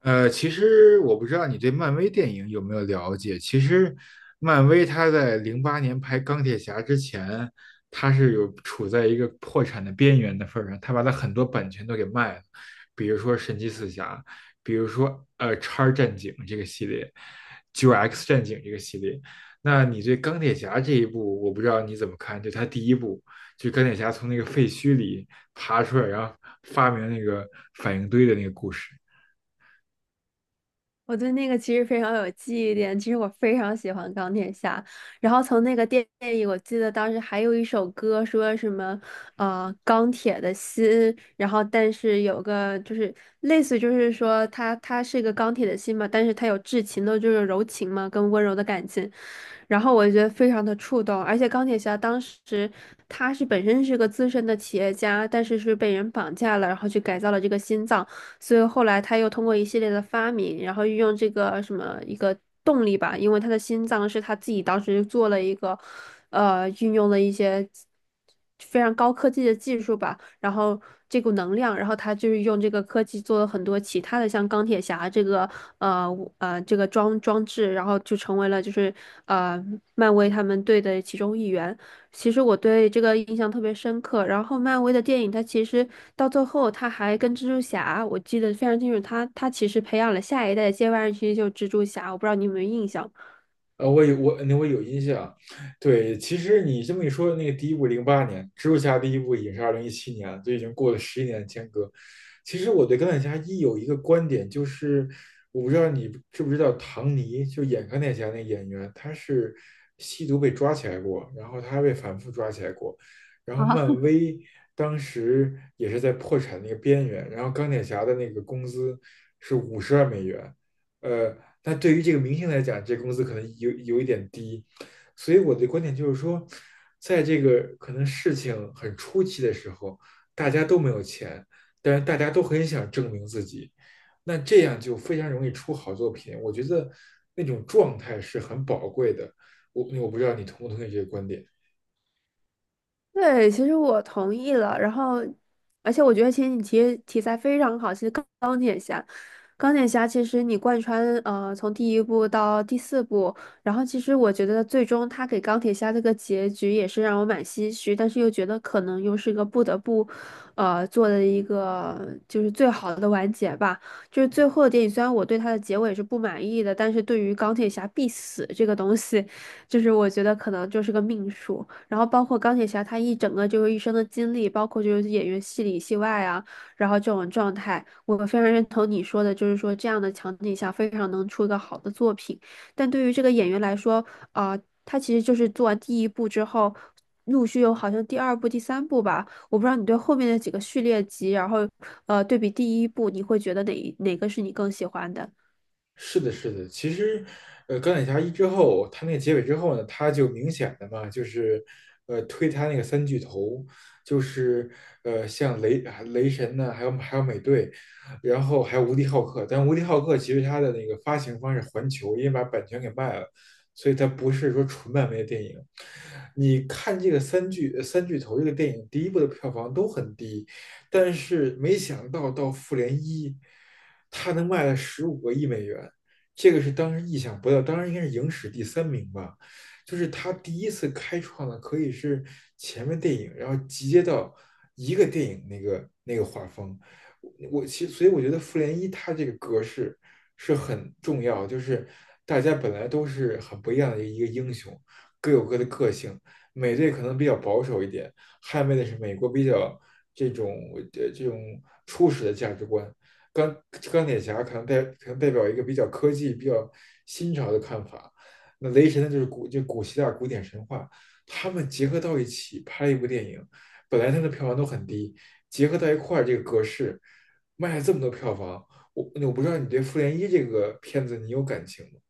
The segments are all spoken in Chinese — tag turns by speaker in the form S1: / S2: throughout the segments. S1: 其实我不知道你对漫威电影有没有了解。其实，漫威它在零八年拍钢铁侠之前，它是有处在一个破产的边缘的份儿上，它把它很多版权都给卖了，比如说神奇四侠，比如说叉战警这个系列，九 X 战警这个系列。那你对钢铁侠这一部，我不知道你怎么看？就它第一部，就钢铁侠从那个废墟里爬出来，然后发明那个反应堆的那个故事。
S2: 我对那个其实非常有记忆点，其实我非常喜欢钢铁侠。然后从那个电影，我记得当时还有一首歌说什么，钢铁的心。然后但是有个就是类似，就是说他是一个钢铁的心嘛，但是他有至情的，就是柔情嘛，跟温柔的感情。然后我觉得非常的触动，而且钢铁侠当时他是本身是个资深的企业家，但是是被人绑架了，然后去改造了这个心脏。所以后来他又通过一系列的发明，然后运用这个什么一个动力吧，因为他的心脏是他自己当时做了一个，运用了一些非常高科技的技术吧，然后这股能量，然后他就是用这个科技做了很多其他的，像钢铁侠这个呃这个装置，然后就成为了就是呃漫威他们队的其中一员。其实我对这个印象特别深刻。然后，漫威的电影，它其实到最后，它还跟蜘蛛侠，我记得非常清楚它，它其实培养了下一代的接班人，其实就是蜘蛛侠。我不知道你有没有印象。
S1: 我有印象，对，其实你这么一说，那个第一部零八年，蜘蛛侠第一部也是2017年，就已经过了11年的间隔。其实我对钢铁侠一有一个观点，就是我不知道你知不知道唐尼，就演钢铁侠那个演员，他是吸毒被抓起来过，然后他还被反复抓起来过，然后漫威当时也是在破产那个边缘，然后钢铁侠的那个工资是50万美元。呃，但对于这个明星来讲，这工资可能有一点低。所以我的观点就是说，在这个可能事情很初期的时候，大家都没有钱，但是大家都很想证明自己，那这样就非常容易出好作品。我觉得那种状态是很宝贵的。我不知道你同不同意这个观点。
S2: 对，其实我同意了。然后，而且我觉得其实你提题材非常好。其实钢铁侠，钢铁侠其实你贯穿从第一部到第四部，然后其实我觉得最终他给钢铁侠这个结局也是让我蛮唏嘘，但是又觉得可能又是一个不得不做的一个就是最好的完结吧。就是最后的电影，虽然我对它的结尾是不满意的，但是对于钢铁侠必死这个东西，就是我觉得可能就是个命数。然后包括钢铁侠他一整个就是一生的经历，包括就是演员戏里戏外啊，然后这种状态，我非常认同你说的，就是说这样的场景下非常能出一个好的作品。但对于这个演员来说，啊、他其实就是做完第一部之后，陆续有好像第二部、第三部吧，我不知道你对后面的几个序列集，然后对比第一部，你会觉得哪个是你更喜欢的？
S1: 是的，是的，其实，钢铁侠一之后，他那个结尾之后呢，他就明显的嘛，就是，推他那个三巨头，就是，像雷神呢，还有美队，然后还有无敌浩克，但无敌浩克其实他的那个发行方是环球，因为把版权给卖了，所以它不是说纯漫威的电影。你看这个三巨头这个电影，第一部的票房都很低，但是没想到到复联一，它能卖了15亿美元，这个是当时意想不到，当然应该是影史第三名吧，就是它第一次开创了可以是前面电影，然后集结到一个电影那个画风。所以我觉得复联一它这个格式是很重要，就是大家本来都是很不一样的一个英雄，各有各的个性，美队可能比较保守一点，捍卫的是美国比较这种初始的价值观。钢钢铁侠可能代表一个比较科技、比较新潮的看法，那雷神呢就是古希腊古典神话，他们结合到一起拍一部电影，本来它的票房都很低，结合到一块儿这个格式卖了这么多票房，我不知道你对《复联一》这个片子你有感情吗？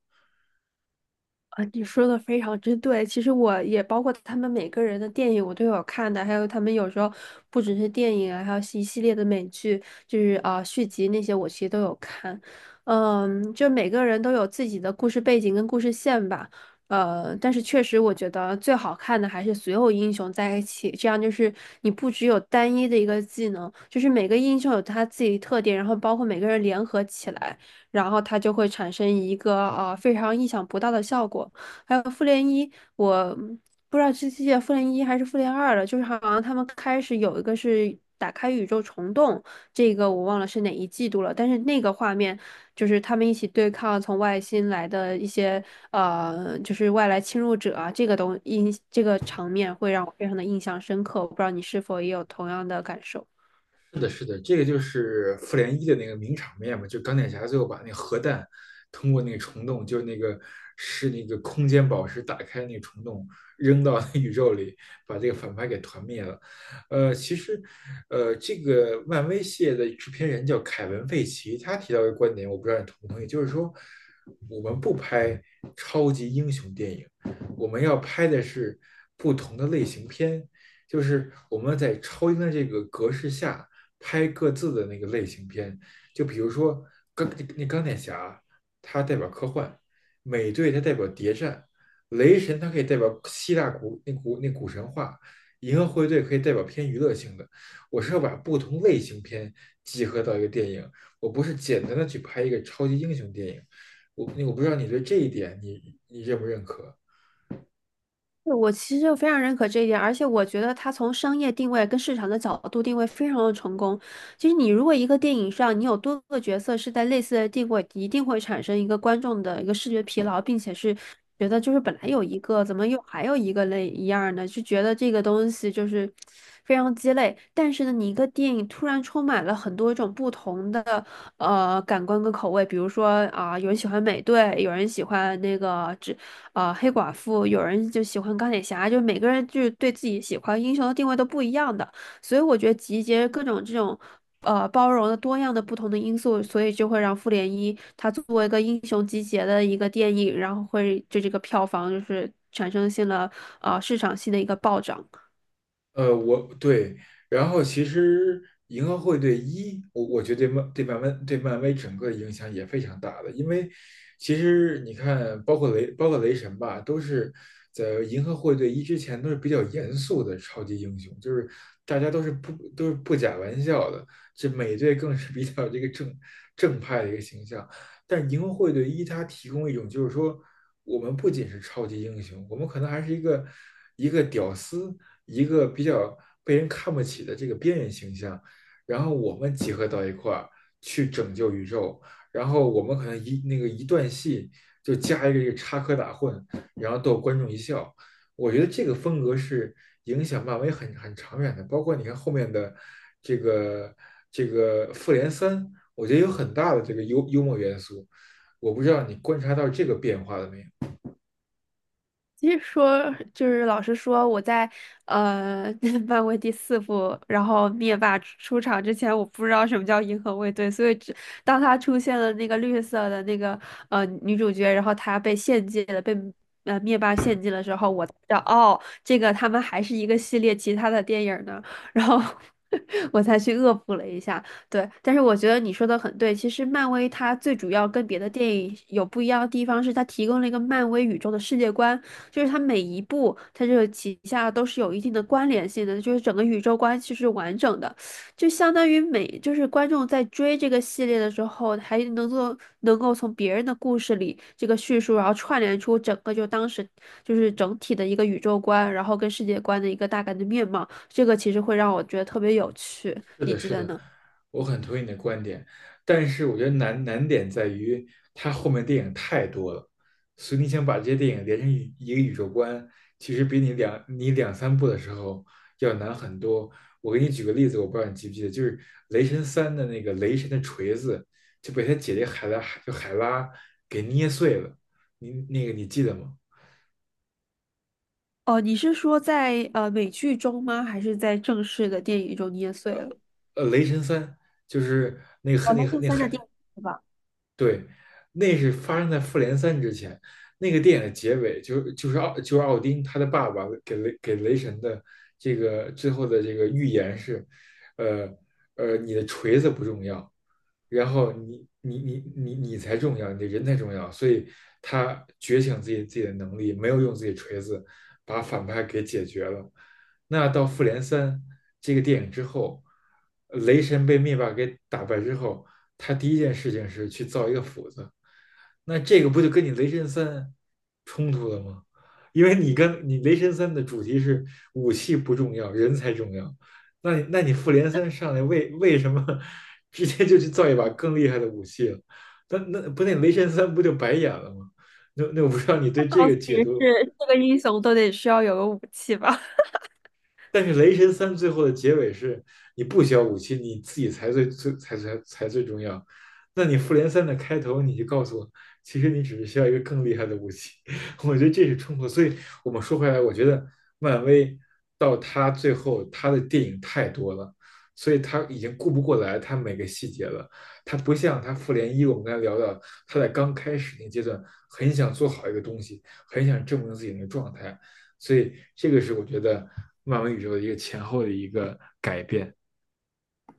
S2: 啊，你说的非常之对。其实我也包括他们每个人的电影，我都有看的，还有他们有时候不只是电影啊，还有一系列的美剧，就是啊、续集那些，我其实都有看。嗯，就每个人都有自己的故事背景跟故事线吧。但是确实，我觉得最好看的还是所有英雄在一起，这样就是你不只有单一的一个技能，就是每个英雄有他自己的特点，然后包括每个人联合起来，然后它就会产生一个啊非常意想不到的效果。还有复联一，我不知道这季复联一还是复联二了，就是好像他们开始有一个是打开宇宙虫洞，这个我忘了是哪一季度了，但是那个画面就是他们一起对抗从外星来的一些就是外来侵入者啊，这个东印这个场面会让我非常的印象深刻，我不知道你是否也有同样的感受。
S1: 是的，是的，这个就是复联一的那个名场面嘛，就钢铁侠最后把那核弹通过那个虫洞，就是那个空间宝石打开那个虫洞，扔到那宇宙里，把这个反派给团灭了。其实，这个漫威系列的制片人叫凯文·费奇，他提到一个观点，我不知道你同不同意，就是说我们不拍超级英雄电影，我们要拍的是不同的类型片，就是我们在超英的这个格式下拍各自的那个类型片，就比如说钢那钢铁侠，它代表科幻；美队它代表谍战；雷神它可以代表希腊古神话；银河护卫队可以代表偏娱乐性的。我是要把不同类型片集合到一个电影，我不是简单的去拍一个超级英雄电影。我不知道你对这一点你认不认可？
S2: 对，我其实就非常认可这一点，而且我觉得它从商业定位跟市场的角度定位非常的成功。其实你如果一个电影上你有多个角色是在类似的定位，一定会产生一个观众的一个视觉疲劳，并且是觉得就是本来有一个，怎么又还有一个类一样呢？就觉得这个东西就是非常鸡肋。但是呢，你一个电影突然充满了很多种不同的感官跟口味，比如说啊、有人喜欢美队，有人喜欢那个。只。黑寡妇，有人就喜欢钢铁侠，就是每个人就是对自己喜欢英雄的定位都不一样的，所以我觉得集结各种这种包容的多样的不同的因素，所以就会让复联一它作为一个英雄集结的一个电影，然后会就这个票房就是产生性了市场性的一个暴涨。
S1: 我对，然后其实银河护卫队一，我觉得对漫对漫威对漫威整个影响也非常大的，因为其实你看，包括雷神吧，都是在银河护卫队一之前都是比较严肃的超级英雄，就是大家都是不假玩笑的，这美队更是比较这个正派的一个形象，但是银河护卫队一它提供一种就是说，我们不仅是超级英雄，我们可能还是一个屌丝。一个比较被人看不起的这个边缘形象，然后我们集合到一块儿去拯救宇宙，然后我们可能那个一段戏就加一个这个插科打诨，然后逗观众一笑。我觉得这个风格是影响漫威很长远的，包括你看后面的这个复联三，我觉得有很大的这个幽默元素。我不知道你观察到这个变化了没有？
S2: 其实说就是老实说，我在呃 漫威第四部，然后灭霸出场之前，我不知道什么叫银河卫队，所以只当他出现了那个绿色的那个女主角，然后她被献祭了，被灭霸献祭了之后，我才知道哦，这个他们还是一个系列其他的电影呢，然后 我才去恶补了一下。对，但是我觉得你说的很对。其实漫威它最主要跟别的电影有不一样的地方是，它提供了一个漫威宇宙的世界观，就是它每一部它这个旗下都是有一定的关联性的，就是整个宇宙关系是完整的，就相当于每就是观众在追这个系列的时候，还能够从别人的故事里这个叙述，然后串联出整个就当时就是整体的一个宇宙观，然后跟世界观的一个大概的面貌，这个其实会让我觉得特别有趣。
S1: 是
S2: 你
S1: 的，
S2: 觉
S1: 是
S2: 得
S1: 的，
S2: 呢？
S1: 我很同意你的观点，但是我觉得难点在于它后面电影太多了，所以你想把这些电影连成一个宇宙观，其实比你两三部的时候要难很多。我给你举个例子，我不知道你记不记得，就是《雷神三》的那个雷神的锤子就被他姐姐海拉就海拉给捏碎了，你那个你记得吗？
S2: 哦，你是说在美剧中吗？还是在正式的电影中捏碎了？
S1: 雷神三》就是那个
S2: 哦，
S1: 那
S2: 那
S1: 个
S2: 第
S1: 那
S2: 三的电
S1: 海
S2: 影是吧？
S1: 对，那是发生在《复联三》之前。那个电影的结尾就就是奥就是奥丁他的爸爸给雷神的这个最后的这个预言是，呃你的锤子不重要，然后你才重要，你的人才重要，所以他觉醒自己的能力，没有用自己锤子把反派给解决了。那到复联三这个电影之后，雷神被灭霸给打败之后，他第一件事情是去造一个斧子，那这个不就跟你雷神三冲突了吗？因为你跟你雷神三的主题是武器不重要，人才重要，那你复联三上来为什么 直接就去造一把更厉害的武器了？那雷神三不就白演了吗？那我不知道你
S2: 他
S1: 对这
S2: 告
S1: 个
S2: 诉你
S1: 解读
S2: 是这个英雄都得需要有个武器吧？
S1: 但是《雷神三》最后的结尾是，你不需要武器，你自己才最最才才才最重要。那你《复联三》的开头你就告诉我，其实你只是需要一个更厉害的武器。我觉得这是冲突。所以我们说回来，我觉得漫威到他最后，他的电影太多了，所以他已经顾不过来他每个细节了。他不像他《复联一》，我们刚才聊到，他在刚开始那阶段很想做好一个东西，很想证明自己那个状态。所以这个是我觉得漫威宇宙的一个前后的一个改变。